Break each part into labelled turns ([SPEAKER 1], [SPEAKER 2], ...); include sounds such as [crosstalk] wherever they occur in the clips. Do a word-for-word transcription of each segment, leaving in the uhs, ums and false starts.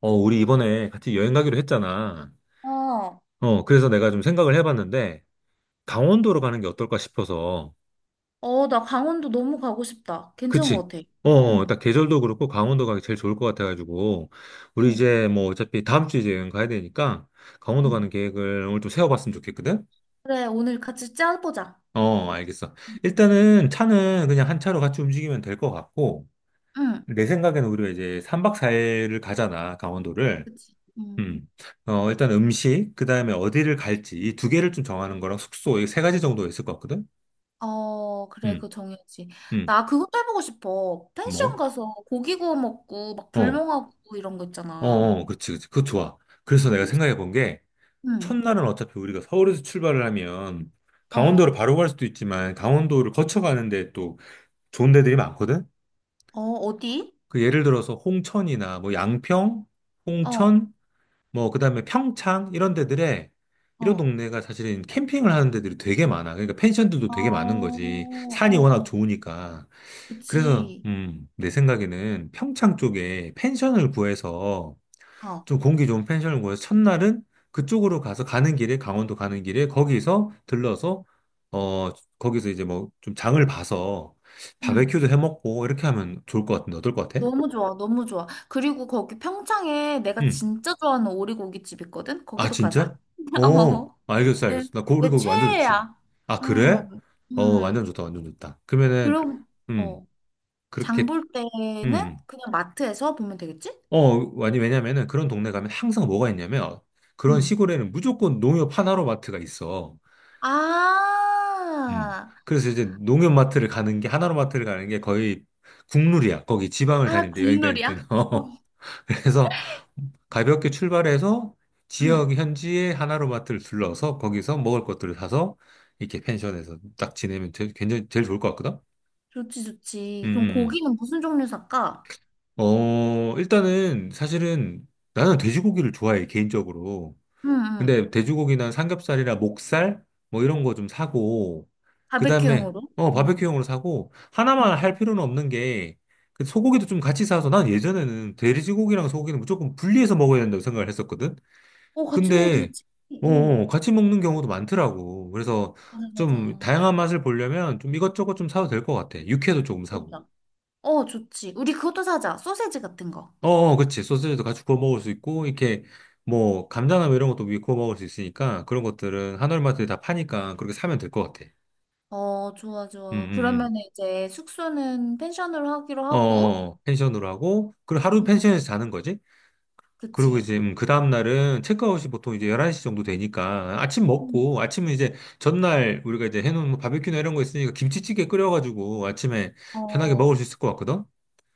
[SPEAKER 1] 어, 우리 이번에 같이 여행 가기로 했잖아.
[SPEAKER 2] 어,
[SPEAKER 1] 어, 그래서 내가 좀 생각을 해봤는데, 강원도로 가는 게 어떨까 싶어서.
[SPEAKER 2] 어, 나 강원도 너무 가고 싶다. 괜찮은
[SPEAKER 1] 그치?
[SPEAKER 2] 것 같아.
[SPEAKER 1] 어, 어, 어,
[SPEAKER 2] 응,
[SPEAKER 1] 딱 계절도 그렇고 강원도 가기 제일 좋을 것 같아가지고, 우리
[SPEAKER 2] 응,
[SPEAKER 1] 이제 뭐 어차피 다음 주에 이제 여행 가야 되니까, 강원도
[SPEAKER 2] 응.
[SPEAKER 1] 가는 계획을 오늘 좀 세워봤으면 좋겠거든?
[SPEAKER 2] 그래, 오늘 같이 짜보자.
[SPEAKER 1] 어, 어, 알겠어.
[SPEAKER 2] 응,
[SPEAKER 1] 일단은 차는 그냥 한 차로 같이 움직이면 될 것 같고,
[SPEAKER 2] 응,
[SPEAKER 1] 내 생각에는 우리가 이제 삼 박 사 일을 가잖아, 강원도를.
[SPEAKER 2] 그치. 응.
[SPEAKER 1] 음. 어, 일단 음식, 그 다음에 어디를 갈지, 이 두 개를 좀 정하는 거랑 숙소, 이 세 가지 정도 있을 것 같거든?
[SPEAKER 2] 어, 그래,
[SPEAKER 1] 음,
[SPEAKER 2] 그거 정해야지.
[SPEAKER 1] 음,
[SPEAKER 2] 나 그것도 해보고 싶어. 펜션
[SPEAKER 1] 뭐?
[SPEAKER 2] 가서 고기 구워 먹고, 막
[SPEAKER 1] 어,
[SPEAKER 2] 불멍하고 이런 거
[SPEAKER 1] 어,
[SPEAKER 2] 있잖아.
[SPEAKER 1] 어, 그렇지, 그렇지. 그거 좋아. 그래서 내가
[SPEAKER 2] 그치?
[SPEAKER 1] 생각해 본 게,
[SPEAKER 2] 응,
[SPEAKER 1] 첫날은 어차피 우리가 서울에서 출발을 하면,
[SPEAKER 2] 어,
[SPEAKER 1] 강원도로 바로 갈 수도 있지만, 강원도를 거쳐가는데 또 좋은 데들이 많거든?
[SPEAKER 2] 어, 어디?
[SPEAKER 1] 그 예를 들어서 홍천이나 뭐 양평,
[SPEAKER 2] 어,
[SPEAKER 1] 홍천, 뭐 그다음에 평창 이런 데들에 이런
[SPEAKER 2] 어,
[SPEAKER 1] 동네가 사실은 캠핑을 하는 데들이 되게 많아. 그러니까 펜션들도
[SPEAKER 2] 어,
[SPEAKER 1] 되게 많은
[SPEAKER 2] 어,
[SPEAKER 1] 거지. 산이 워낙
[SPEAKER 2] 어,
[SPEAKER 1] 좋으니까. 그래서
[SPEAKER 2] 그치.
[SPEAKER 1] 음, 내 생각에는 평창 쪽에 펜션을 구해서
[SPEAKER 2] 어,
[SPEAKER 1] 좀 공기 좋은 펜션을 구해서 첫날은 그쪽으로 가서 가는 길에 강원도 가는 길에 거기서 들러서 어 거기서 이제 뭐 좀 장을 봐서
[SPEAKER 2] 응.
[SPEAKER 1] 바베큐도 해 먹고 이렇게 하면 좋을 것 같은데 어떨 것 같아?
[SPEAKER 2] 너무 좋아, 너무 좋아. 그리고 거기 평창에 내가
[SPEAKER 1] 음.
[SPEAKER 2] 진짜 좋아하는 오리고기집 있거든?
[SPEAKER 1] 아,
[SPEAKER 2] 거기도 가자.
[SPEAKER 1] 진짜?
[SPEAKER 2] [laughs]
[SPEAKER 1] 어,
[SPEAKER 2] 어.
[SPEAKER 1] 알겠어,
[SPEAKER 2] 내,
[SPEAKER 1] 알겠어. 나 고,
[SPEAKER 2] 내
[SPEAKER 1] 그리고 그거 완전 좋지.
[SPEAKER 2] 최애야.
[SPEAKER 1] 아,
[SPEAKER 2] 음,
[SPEAKER 1] 그래? 어, 완전
[SPEAKER 2] 음.
[SPEAKER 1] 좋다, 완전 좋다. 그러면은,
[SPEAKER 2] 그럼,
[SPEAKER 1] 음,
[SPEAKER 2] 어, 장
[SPEAKER 1] 그렇게,
[SPEAKER 2] 볼
[SPEAKER 1] 음.
[SPEAKER 2] 때는
[SPEAKER 1] 음.
[SPEAKER 2] 그냥 마트에서 보면 되겠지?
[SPEAKER 1] 어, 아니, 왜냐면은 그런 동네 가면 항상 뭐가 있냐면, 그런
[SPEAKER 2] 음.
[SPEAKER 1] 시골에는 무조건 농협 하나로마트가 있어.
[SPEAKER 2] 아,
[SPEAKER 1] 음. 그래서 이제 농협마트를 가는 게, 하나로마트를 가는 게 거의 국룰이야. 거기 지방을
[SPEAKER 2] 아,
[SPEAKER 1] 다닐 때, 여행 다닐 때는.
[SPEAKER 2] 국룰이야?
[SPEAKER 1] [laughs]
[SPEAKER 2] 어.
[SPEAKER 1] 그래서 가볍게 출발해서 지역
[SPEAKER 2] 음,
[SPEAKER 1] 현지의 하나로마트를 둘러서 거기서 먹을 것들을 사서 이렇게 펜션에서 딱 지내면 제 굉장히 제일 좋을 것 같거든?
[SPEAKER 2] 좋지,
[SPEAKER 1] 음,
[SPEAKER 2] 좋지. 그럼
[SPEAKER 1] 음,
[SPEAKER 2] 고기는 무슨 종류 살까?
[SPEAKER 1] 음. 어, 일단은 사실은 나는 돼지고기를 좋아해, 개인적으로.
[SPEAKER 2] 음, 음.
[SPEAKER 1] 근데 돼지고기나 삼겹살이나 목살 뭐 이런 거 좀 사고, 그 다음에
[SPEAKER 2] 바베큐용으로?
[SPEAKER 1] 어,
[SPEAKER 2] 음,
[SPEAKER 1] 바베큐용으로 사고, 하나만
[SPEAKER 2] 음.
[SPEAKER 1] 할 필요는 없는 게, 그 소고기도 좀 같이 사서 난 예전에는 돼지고기랑 소고기는 무조건 분리해서 먹어야 된다고 생각을 했었거든?
[SPEAKER 2] 어, 같이 먹어도
[SPEAKER 1] 근데
[SPEAKER 2] 되지.
[SPEAKER 1] 어,
[SPEAKER 2] 어,
[SPEAKER 1] 어, 같이 먹는 경우도 많더라고. 그래서
[SPEAKER 2] 맞아,
[SPEAKER 1] 좀
[SPEAKER 2] 맞아.
[SPEAKER 1] 다양한 맛을 보려면 좀 이것저것 좀 사도 될 것 같아. 육회도 조금 사고.
[SPEAKER 2] 그러자. 어, 좋지. 우리 그것도 사자. 소세지 같은 거.
[SPEAKER 1] 어, 어, 그치. 소세지도 같이 구워 먹을 수 있고, 이렇게 뭐 감자나 뭐 이런 것도 위에 구워 먹을 수 있으니까 그런 것들은 한월마트에 다 파니까 그렇게 사면 될 것 같아.
[SPEAKER 2] 어, 좋아,
[SPEAKER 1] 음,
[SPEAKER 2] 좋아.
[SPEAKER 1] 음,
[SPEAKER 2] 그러면 이제 숙소는 펜션으로 하기로
[SPEAKER 1] 음. 어, 어,
[SPEAKER 2] 하고,
[SPEAKER 1] 어. 펜션으로 하고, 그리고 하루
[SPEAKER 2] 음,
[SPEAKER 1] 펜션에서 자는 거지? 그리고
[SPEAKER 2] 그치.
[SPEAKER 1] 이제 음, 그 다음 날은 체크아웃이 보통 이제 열한 시 정도 되니까 아침
[SPEAKER 2] 음.
[SPEAKER 1] 먹고 아침은 이제 전날 우리가 이제 해놓은 뭐 바베큐나 이런 거 있으니까 김치찌개 끓여가지고 아침에 편하게 먹을
[SPEAKER 2] 어,
[SPEAKER 1] 수 있을 것 같거든?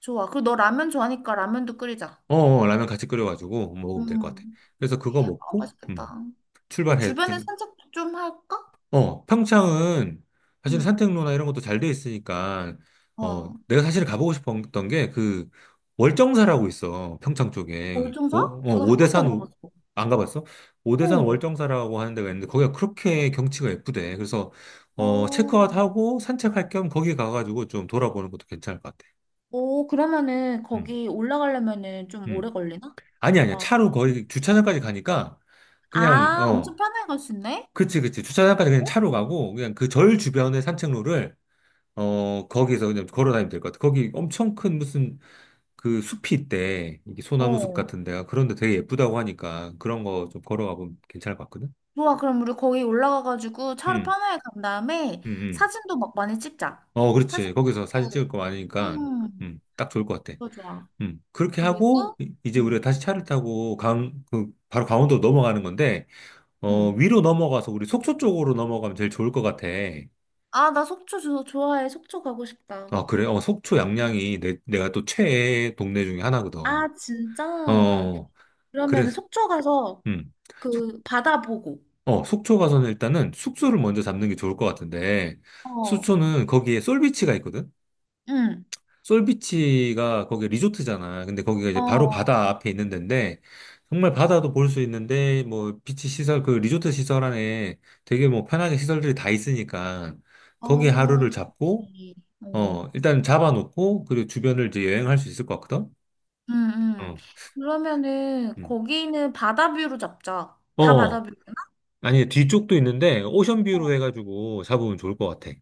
[SPEAKER 2] 좋아. 그리고 너 라면 좋아하니까 라면도 끓이자.
[SPEAKER 1] 어, 어, 라면 같이 끓여가지고 먹으면 될 것 같아.
[SPEAKER 2] 음,
[SPEAKER 1] 그래서 그거
[SPEAKER 2] 아,
[SPEAKER 1] 먹고 음,
[SPEAKER 2] 맛있겠다. 그
[SPEAKER 1] 출발해.
[SPEAKER 2] 주변에 산책 좀 할까?
[SPEAKER 1] 어, 평창은 사실
[SPEAKER 2] 응.
[SPEAKER 1] 산책로나 이런 것도 잘 돼 있으니까, 어,
[SPEAKER 2] 어,
[SPEAKER 1] 내가 사실 가보고 싶었던 게 그 월정사라고 있어. 평창 쪽에.
[SPEAKER 2] 월등사?
[SPEAKER 1] 오, 어,
[SPEAKER 2] 어, 나한 번도
[SPEAKER 1] 오대산,
[SPEAKER 2] 안
[SPEAKER 1] 오-
[SPEAKER 2] 가봤어.
[SPEAKER 1] 안 가봤어? 오대산
[SPEAKER 2] 어,
[SPEAKER 1] 월정사라고 하는 데가 있는데 거기가 그렇게 경치가 예쁘대. 그래서, 어,
[SPEAKER 2] 어,
[SPEAKER 1] 체크아웃 하고 산책할 겸 거기 가가지고 좀 돌아보는 것도 괜찮을 것 같아.
[SPEAKER 2] 오, 그러면은
[SPEAKER 1] 음,
[SPEAKER 2] 거기 올라가려면은 좀
[SPEAKER 1] 음.
[SPEAKER 2] 오래 걸리나?
[SPEAKER 1] 아니, 아니야.
[SPEAKER 2] 막,
[SPEAKER 1] 차로
[SPEAKER 2] 응?
[SPEAKER 1] 거의 주차장까지 가니까 그냥,
[SPEAKER 2] 아, 엄청
[SPEAKER 1] 어,
[SPEAKER 2] 편하게 갈 수 있네?
[SPEAKER 1] 그치, 그치. 주차장까지 그냥
[SPEAKER 2] 어?
[SPEAKER 1] 차로 가고 그냥 그 절 주변의 산책로를 어, 거기서 그냥 걸어다니면 될 것 같아. 거기 엄청 큰 무슨 그 숲이 있대. 이게 소나무 숲
[SPEAKER 2] 어.
[SPEAKER 1] 같은 데가. 그런데 되게 예쁘다고 하니까 그런 거 좀 걸어가 보면 괜찮을 것 같거든?
[SPEAKER 2] 좋아, 그럼 우리 거기 올라가가지고 차로
[SPEAKER 1] 응,
[SPEAKER 2] 편하게 간 다음에
[SPEAKER 1] 응, 응.
[SPEAKER 2] 사진도 막 많이 찍자.
[SPEAKER 1] 어,
[SPEAKER 2] 사진
[SPEAKER 1] 그렇지. 거기서 사진 찍을
[SPEAKER 2] 찍고,
[SPEAKER 1] 거 많으니까, 음,
[SPEAKER 2] 음,
[SPEAKER 1] 딱 좋을 것 같아.
[SPEAKER 2] 그거 좋아.
[SPEAKER 1] 음, 그렇게 하고,
[SPEAKER 2] 그리고,
[SPEAKER 1] 이- 이제 우리가
[SPEAKER 2] 음,
[SPEAKER 1] 다시 차를 타고 강, 그, 바로 강원도 넘어가는 건데, 어,
[SPEAKER 2] 음.
[SPEAKER 1] 위로 넘어가서 우리 속초 쪽으로 넘어가면 제일 좋을 것 같아.
[SPEAKER 2] 아, 나 속초 조- 좋아해. 속초 가고 싶다.
[SPEAKER 1] 아, 그래? 어, 속초
[SPEAKER 2] 음.
[SPEAKER 1] 양양이 내, 내가 또 최애 동네 중에 하나거든.
[SPEAKER 2] 아, 진짜?
[SPEAKER 1] 어,
[SPEAKER 2] 그러면
[SPEAKER 1] 그래서,
[SPEAKER 2] 속초 가서 그 바다 보고,
[SPEAKER 1] 어, 속초 가서는 일단은 숙소를 먼저 잡는 게 좋을 것 같은데,
[SPEAKER 2] 어,
[SPEAKER 1] 속초는 거기에 솔비치가 있거든?
[SPEAKER 2] 응,
[SPEAKER 1] 솔비치가 거기 리조트잖아. 근데 거기가 이제 바로
[SPEAKER 2] 어,
[SPEAKER 1] 바다 앞에 있는 데인데, 정말 바다도 볼 수 있는데, 뭐, 비치 시설, 그 리조트 시설 안에 되게 뭐 편하게 시설들이 다 있으니까, 거기
[SPEAKER 2] 어,
[SPEAKER 1] 하루를 잡고,
[SPEAKER 2] 그치. 어.
[SPEAKER 1] 어, 일단 잡아놓고, 그리고 주변을 이제 여행할 수 있을 것 같거든?
[SPEAKER 2] 응, 응.
[SPEAKER 1] 어,
[SPEAKER 2] 그러면은
[SPEAKER 1] 음.
[SPEAKER 2] 거기는 바다뷰로 잡자. 다
[SPEAKER 1] 어,
[SPEAKER 2] 바다뷰.
[SPEAKER 1] 아니, 뒤쪽도 있는데, 오션뷰로 해가지고 잡으면 좋을 것 같아.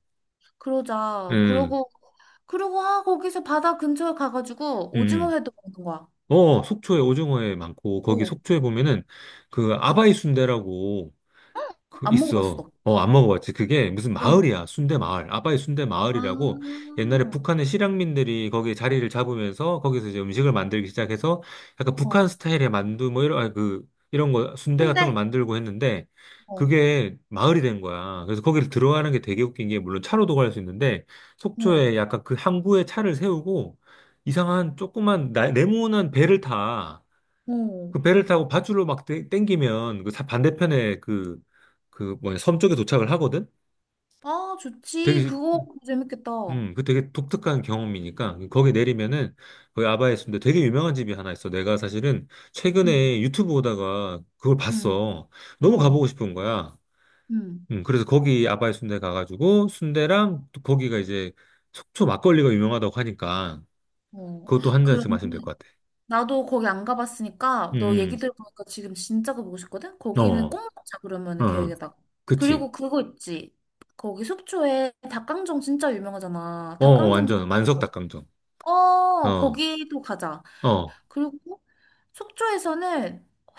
[SPEAKER 2] 그러자.
[SPEAKER 1] 음,
[SPEAKER 2] 그러고, 그러고, 아, 거기서 바다 근처에 가가지고 오징어
[SPEAKER 1] 음.
[SPEAKER 2] 회도 먹는 거야.
[SPEAKER 1] 어, 속초에 오징어회 많고, 거기
[SPEAKER 2] 어,
[SPEAKER 1] 속초에 보면은 그 아바이 순대라고, 그
[SPEAKER 2] 안
[SPEAKER 1] 있어.
[SPEAKER 2] 먹어봤어.
[SPEAKER 1] 어, 안 먹어봤지. 그게 무슨
[SPEAKER 2] 어.
[SPEAKER 1] 마을이야. 순대 마을. 아바이 순대 마을이라고 옛날에
[SPEAKER 2] 아,
[SPEAKER 1] 북한의 실향민들이 거기에 자리를 잡으면서 거기서 이제 음식을 만들기 시작해서 약간 북한
[SPEAKER 2] 어,
[SPEAKER 1] 스타일의 만두 뭐 이런, 아니, 그, 이런 거, 순대 같은 걸
[SPEAKER 2] 순대?
[SPEAKER 1] 만들고 했는데
[SPEAKER 2] 어,
[SPEAKER 1] 그게 마을이 된 거야. 그래서 거기를 들어가는 게 되게 웃긴 게 물론 차로도 갈 수 있는데
[SPEAKER 2] 어
[SPEAKER 1] 속초에 약간 그 항구에 차를 세우고 이상한 조그만 나- 네모난 배를 타.
[SPEAKER 2] 어.
[SPEAKER 1] 그 배를 타고 밧줄로 막 땡- 땡기면 그 사- 반대편에 그 그 뭐냐 섬 쪽에 도착을 하거든.
[SPEAKER 2] 아, 좋지.
[SPEAKER 1] 되게
[SPEAKER 2] 그거 재밌겠다.
[SPEAKER 1] 음, 그 되게 독특한 경험이니까 거기 내리면은 거기 아바에 있는데 되게 유명한 집이 하나 있어. 내가 사실은
[SPEAKER 2] 응,
[SPEAKER 1] 최근에 유튜브 보다가 그걸
[SPEAKER 2] 응,
[SPEAKER 1] 봤어. 너무 가보고
[SPEAKER 2] 어,
[SPEAKER 1] 싶은 거야.
[SPEAKER 2] 응,
[SPEAKER 1] 음, 그래서 거기 아바이 순대 가가지고 순대랑 또 거기가 이제 속초 막걸리가 유명하다고 하니까
[SPEAKER 2] 어.
[SPEAKER 1] 그것도 한 잔씩 마시면 될
[SPEAKER 2] 그러면
[SPEAKER 1] 것 같아.
[SPEAKER 2] 나도 거기 안 가봤으니까 너 얘기
[SPEAKER 1] 음,
[SPEAKER 2] 들어보니까 지금 진짜 가보고 싶거든?
[SPEAKER 1] 음.
[SPEAKER 2] 거기는 꼭
[SPEAKER 1] 어,
[SPEAKER 2] 응. 먹자 그러면
[SPEAKER 1] 어, 어.
[SPEAKER 2] 계획에다가.
[SPEAKER 1] 그치.
[SPEAKER 2] 그리고 그거 있지. 거기 속초에 닭강정 진짜 유명하잖아.
[SPEAKER 1] 어, 어,
[SPEAKER 2] 닭강정도
[SPEAKER 1] 완전 만석
[SPEAKER 2] 먹어보자.
[SPEAKER 1] 닭강정.
[SPEAKER 2] 어
[SPEAKER 1] 어,
[SPEAKER 2] 거기도 가자.
[SPEAKER 1] 어.
[SPEAKER 2] 그리고 속초에서는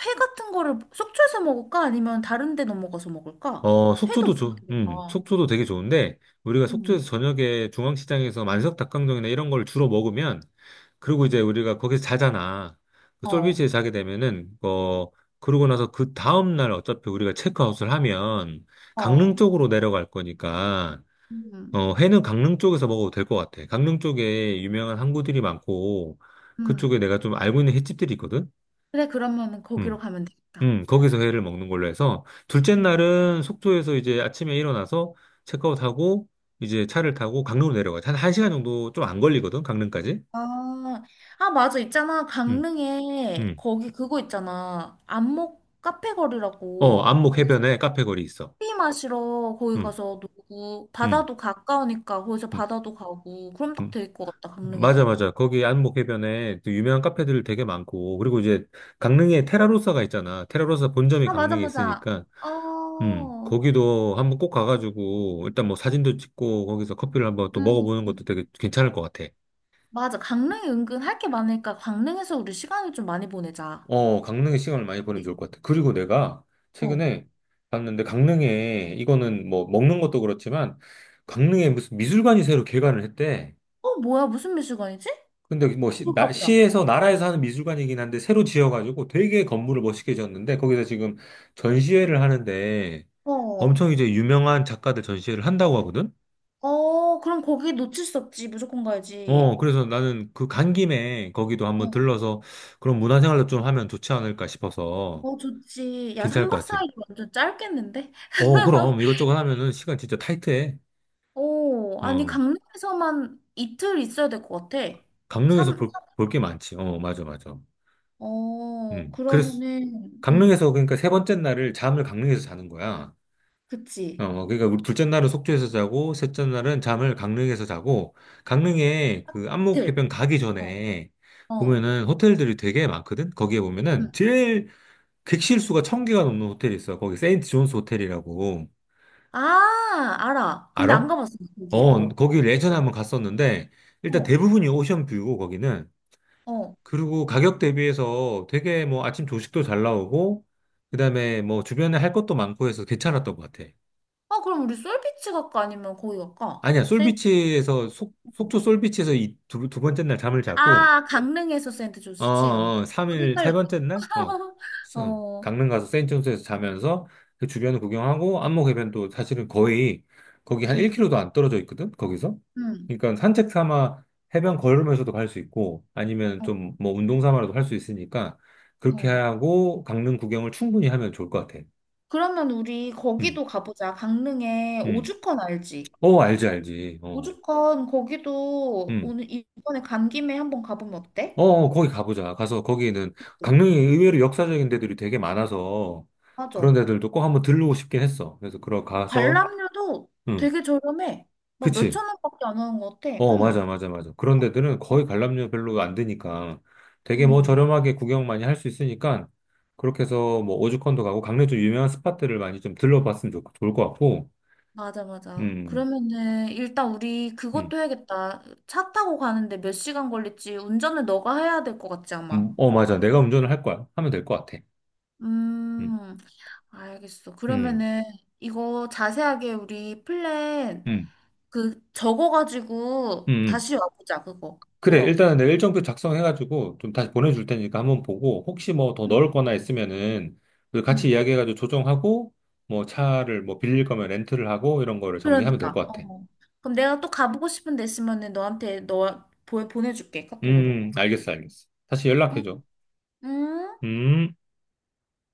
[SPEAKER 2] 회 같은 거를 속초에서 먹을까? 아니면 다른 데 넘어가서 먹을까?
[SPEAKER 1] 어,
[SPEAKER 2] 회도
[SPEAKER 1] 속초도
[SPEAKER 2] 먹어야
[SPEAKER 1] 좋, 음,
[SPEAKER 2] 되니까.
[SPEAKER 1] 속초도 되게 좋은데, 우리가
[SPEAKER 2] 음,
[SPEAKER 1] 속초에서 저녁에 중앙시장에서 만석 닭강정이나 이런 걸 주로 먹으면, 그리고 이제 우리가 거기서 자잖아. 그
[SPEAKER 2] 어,
[SPEAKER 1] 솔비치에 자게 되면은, 어, 그러고 나서 그 다음날 어차피 우리가 체크아웃을 하면, 강릉
[SPEAKER 2] 어,
[SPEAKER 1] 쪽으로 내려갈 거니까,
[SPEAKER 2] 음,
[SPEAKER 1] 어, 회는 강릉 쪽에서 먹어도 될 것 같아. 강릉 쪽에 유명한 항구들이 많고, 그쪽에
[SPEAKER 2] 음.
[SPEAKER 1] 내가 좀 알고 있는 횟집들이 있거든?
[SPEAKER 2] 그래 그러면은 거기로
[SPEAKER 1] 음.
[SPEAKER 2] 가면 되겠다.
[SPEAKER 1] 음, 거기서 회를 먹는 걸로 해서, 둘째
[SPEAKER 2] 음.
[SPEAKER 1] 날은 속초에서 이제 아침에 일어나서 체크아웃하고, 이제 차를 타고 강릉으로 내려가. 한 1시간 정도 좀 안 걸리거든, 강릉까지.
[SPEAKER 2] 아, 아, 맞아. 있잖아.
[SPEAKER 1] 음,
[SPEAKER 2] 강릉에
[SPEAKER 1] 음.
[SPEAKER 2] 거기 그거 있잖아. 안목 카페
[SPEAKER 1] 어,
[SPEAKER 2] 거리라고.
[SPEAKER 1] 안목
[SPEAKER 2] 거기
[SPEAKER 1] 해변에 카페 거리 있어.
[SPEAKER 2] 커피 마시러 거기
[SPEAKER 1] 음,
[SPEAKER 2] 가서 놀고
[SPEAKER 1] 음,
[SPEAKER 2] 바다도 가까우니까 거기서
[SPEAKER 1] 음,
[SPEAKER 2] 바다도 가고 그럼 딱
[SPEAKER 1] 음.
[SPEAKER 2] 될 것 같다.
[SPEAKER 1] 맞아,
[SPEAKER 2] 강릉에서는.
[SPEAKER 1] 맞아. 거기 안목 해변에 또 유명한 카페들 되게 많고, 그리고 이제 강릉에 테라로사가 있잖아. 테라로사 본점이
[SPEAKER 2] 아, 맞아,
[SPEAKER 1] 강릉에
[SPEAKER 2] 맞아.
[SPEAKER 1] 있으니까, 음,
[SPEAKER 2] 어.
[SPEAKER 1] 거기도 한번 꼭 가가지고, 일단 뭐 사진도 찍고, 거기서 커피를 한번 또
[SPEAKER 2] 음.
[SPEAKER 1] 먹어보는 것도
[SPEAKER 2] 음.
[SPEAKER 1] 되게 괜찮을 것 같아.
[SPEAKER 2] 맞아. 강릉이 은근 할 게 많으니까 강릉에서 우리 시간을 좀 많이 보내자.
[SPEAKER 1] 어, 강릉에 시간을 많이 보내면 좋을 것 같아. 그리고 내가
[SPEAKER 2] 어.
[SPEAKER 1] 최근에 봤는데 강릉에 이거는 뭐 먹는 것도 그렇지만 강릉에 무슨 미술관이 새로 개관을 했대.
[SPEAKER 2] 어, 뭐야? 무슨 몇 시간이지?
[SPEAKER 1] 근데 뭐 시,
[SPEAKER 2] 그거
[SPEAKER 1] 나,
[SPEAKER 2] 가보자.
[SPEAKER 1] 시에서 나라에서 하는 미술관이긴 한데 새로 지어가지고 되게 건물을 멋있게 지었는데 거기서 지금 전시회를 하는데
[SPEAKER 2] 어.
[SPEAKER 1] 엄청 이제 유명한 작가들 전시회를 한다고 하거든.
[SPEAKER 2] 어, 그럼 거기 놓칠 수 없지. 무조건
[SPEAKER 1] 어,
[SPEAKER 2] 가야지.
[SPEAKER 1] 그래서 나는 그 간 김에 거기도 한번
[SPEAKER 2] 어.
[SPEAKER 1] 들러서 그런 문화생활도 좀 하면 좋지 않을까 싶어서
[SPEAKER 2] 어, 좋지. 야,
[SPEAKER 1] 괜찮을 것
[SPEAKER 2] 삼 박
[SPEAKER 1] 같지?
[SPEAKER 2] 사 일 완전 짧겠는데? [laughs]
[SPEAKER 1] 어, 그럼 이것저것 하면은 시간 진짜 타이트해.
[SPEAKER 2] 오, 아니,
[SPEAKER 1] 어,
[SPEAKER 2] 강릉에서만 이틀 있어야 될 것 같아.
[SPEAKER 1] 강릉에서
[SPEAKER 2] 삼,
[SPEAKER 1] 볼, 볼 게 많지. 어, 맞아, 맞아.
[SPEAKER 2] 어,
[SPEAKER 1] 음, 그래서
[SPEAKER 2] 그러면은, 음,
[SPEAKER 1] 강릉에서 그러니까 세 번째 날을 잠을 강릉에서 자는 거야.
[SPEAKER 2] 그치.
[SPEAKER 1] 어, 그러니까 우리 둘째 날은 속초에서 자고 셋째 날은 잠을 강릉에서 자고 강릉에 그 안목
[SPEAKER 2] 이틀.
[SPEAKER 1] 해변 가기
[SPEAKER 2] 어,
[SPEAKER 1] 전에
[SPEAKER 2] 어,
[SPEAKER 1] 보면은 호텔들이 되게 많거든. 거기에 보면은
[SPEAKER 2] 음.
[SPEAKER 1] 제일 객실 수가 천 개가 넘는 호텔이 있어. 거기 세인트 존스 호텔이라고
[SPEAKER 2] 아, 알아. 근데 안
[SPEAKER 1] 알아?
[SPEAKER 2] 가봤어, 거기.
[SPEAKER 1] 어,
[SPEAKER 2] 어,
[SPEAKER 1] 거기 예전에 한번 갔었는데 일단
[SPEAKER 2] 어,
[SPEAKER 1] 대부분이 오션뷰고 거기는
[SPEAKER 2] 어.
[SPEAKER 1] 그리고 가격 대비해서 되게 뭐 아침 조식도 잘 나오고, 그다음에 뭐 주변에 할 것도 많고 해서 괜찮았던 것 같아.
[SPEAKER 2] 아, 그럼 우리 솔비치 갈까? 아니면 거기 갈까?
[SPEAKER 1] 아니야,
[SPEAKER 2] 세인트
[SPEAKER 1] 솔비치에서, 속,
[SPEAKER 2] 조스.
[SPEAKER 1] 속초 솔비치에서 이 두, 두 번째 날 잠을 자고,
[SPEAKER 2] 아, 강릉에서 세인트
[SPEAKER 1] 어,
[SPEAKER 2] 조스지? 아마
[SPEAKER 1] 어, 사흘, 세
[SPEAKER 2] 헷갈렸다.
[SPEAKER 1] 번째 날? 어.
[SPEAKER 2] [laughs]
[SPEAKER 1] 서-
[SPEAKER 2] 어,
[SPEAKER 1] 강릉 가서 세인트존스에서 자면서 그 주변을 구경하고 안목해변도 사실은 거의 거기 한1
[SPEAKER 2] 음,
[SPEAKER 1] 킬로도안 떨어져 있거든, 거기서.
[SPEAKER 2] 음,
[SPEAKER 1] 그러니까 산책 삼아 해변 걸으면서도 갈 수 있고 아니면
[SPEAKER 2] 어,
[SPEAKER 1] 좀 뭐 운동 삼아라도 할 수 있으니까 그렇게
[SPEAKER 2] 어.
[SPEAKER 1] 하고 강릉 구경을 충분히 하면 좋을 것 같아.
[SPEAKER 2] 그러면 우리
[SPEAKER 1] 음,
[SPEAKER 2] 거기도 가보자. 강릉에
[SPEAKER 1] 음.
[SPEAKER 2] 오죽헌 알지?
[SPEAKER 1] 어, 알지, 알지. 어.
[SPEAKER 2] 오죽헌 거기도
[SPEAKER 1] 음.
[SPEAKER 2] 오늘 이번에 간 김에 한번 가보면
[SPEAKER 1] 어,
[SPEAKER 2] 어때?
[SPEAKER 1] 어, 거기 가보자. 가서 거기는
[SPEAKER 2] 네.
[SPEAKER 1] 강릉이 의외로 역사적인 데들이 되게 많아서 그런
[SPEAKER 2] 맞아.
[SPEAKER 1] 데들도 꼭 한번 들르고 싶긴 했어. 그래서 그러 가서,
[SPEAKER 2] 관람료도
[SPEAKER 1] 응,
[SPEAKER 2] 되게 저렴해. 막
[SPEAKER 1] 그치.
[SPEAKER 2] 몇천 원밖에 안 하는 것 같아.
[SPEAKER 1] 어,
[SPEAKER 2] 응.
[SPEAKER 1] 맞아, 맞아, 맞아. 그런
[SPEAKER 2] 막,
[SPEAKER 1] 데들은 거의 관람료 별로 안 드니까 되게 뭐
[SPEAKER 2] 음,
[SPEAKER 1] 저렴하게 구경 많이 할 수 있으니까 그렇게 해서 뭐 오죽헌도 가고 강릉 좀 유명한 스팟들을 많이 좀 들러봤으면 좋, 좋을 것 같고,
[SPEAKER 2] 맞아, 맞아.
[SPEAKER 1] 음,
[SPEAKER 2] 그러면은 일단 우리
[SPEAKER 1] 음,
[SPEAKER 2] 그것도 해야겠다. 차 타고 가는데 몇 시간 걸릴지 운전을 너가 해야 될 것 같지, 아마.
[SPEAKER 1] 음, 어, 맞아. 내가 운전을 할 거야. 하면 될 것 같아. 음,
[SPEAKER 2] 음, 알겠어.
[SPEAKER 1] 음,
[SPEAKER 2] 그러면은 이거 자세하게 우리 플랜
[SPEAKER 1] 음,
[SPEAKER 2] 그 적어가지고
[SPEAKER 1] 음. 음.
[SPEAKER 2] 다시 와보자 그거
[SPEAKER 1] 그래,
[SPEAKER 2] 보러.
[SPEAKER 1] 일단은 내가 일정표 작성해가지고 좀 다시 보내줄 테니까 한번 보고 혹시 뭐 더
[SPEAKER 2] 응,
[SPEAKER 1] 넣을 거나 있으면은 우리 같이
[SPEAKER 2] 응.
[SPEAKER 1] 이야기해가지고 조정하고 뭐 차를 뭐 빌릴 거면 렌트를 하고 이런 거를 정리하면 될
[SPEAKER 2] 그러니까.
[SPEAKER 1] 것 같아.
[SPEAKER 2] 어. 그럼 내가 또 가보고 싶은 데 있으면은 너한테 너 보, 보내줄게 카톡으로.
[SPEAKER 1] 음, 알겠어, 알겠어. 다시
[SPEAKER 2] 응.
[SPEAKER 1] 연락해줘.
[SPEAKER 2] 응?
[SPEAKER 1] 음.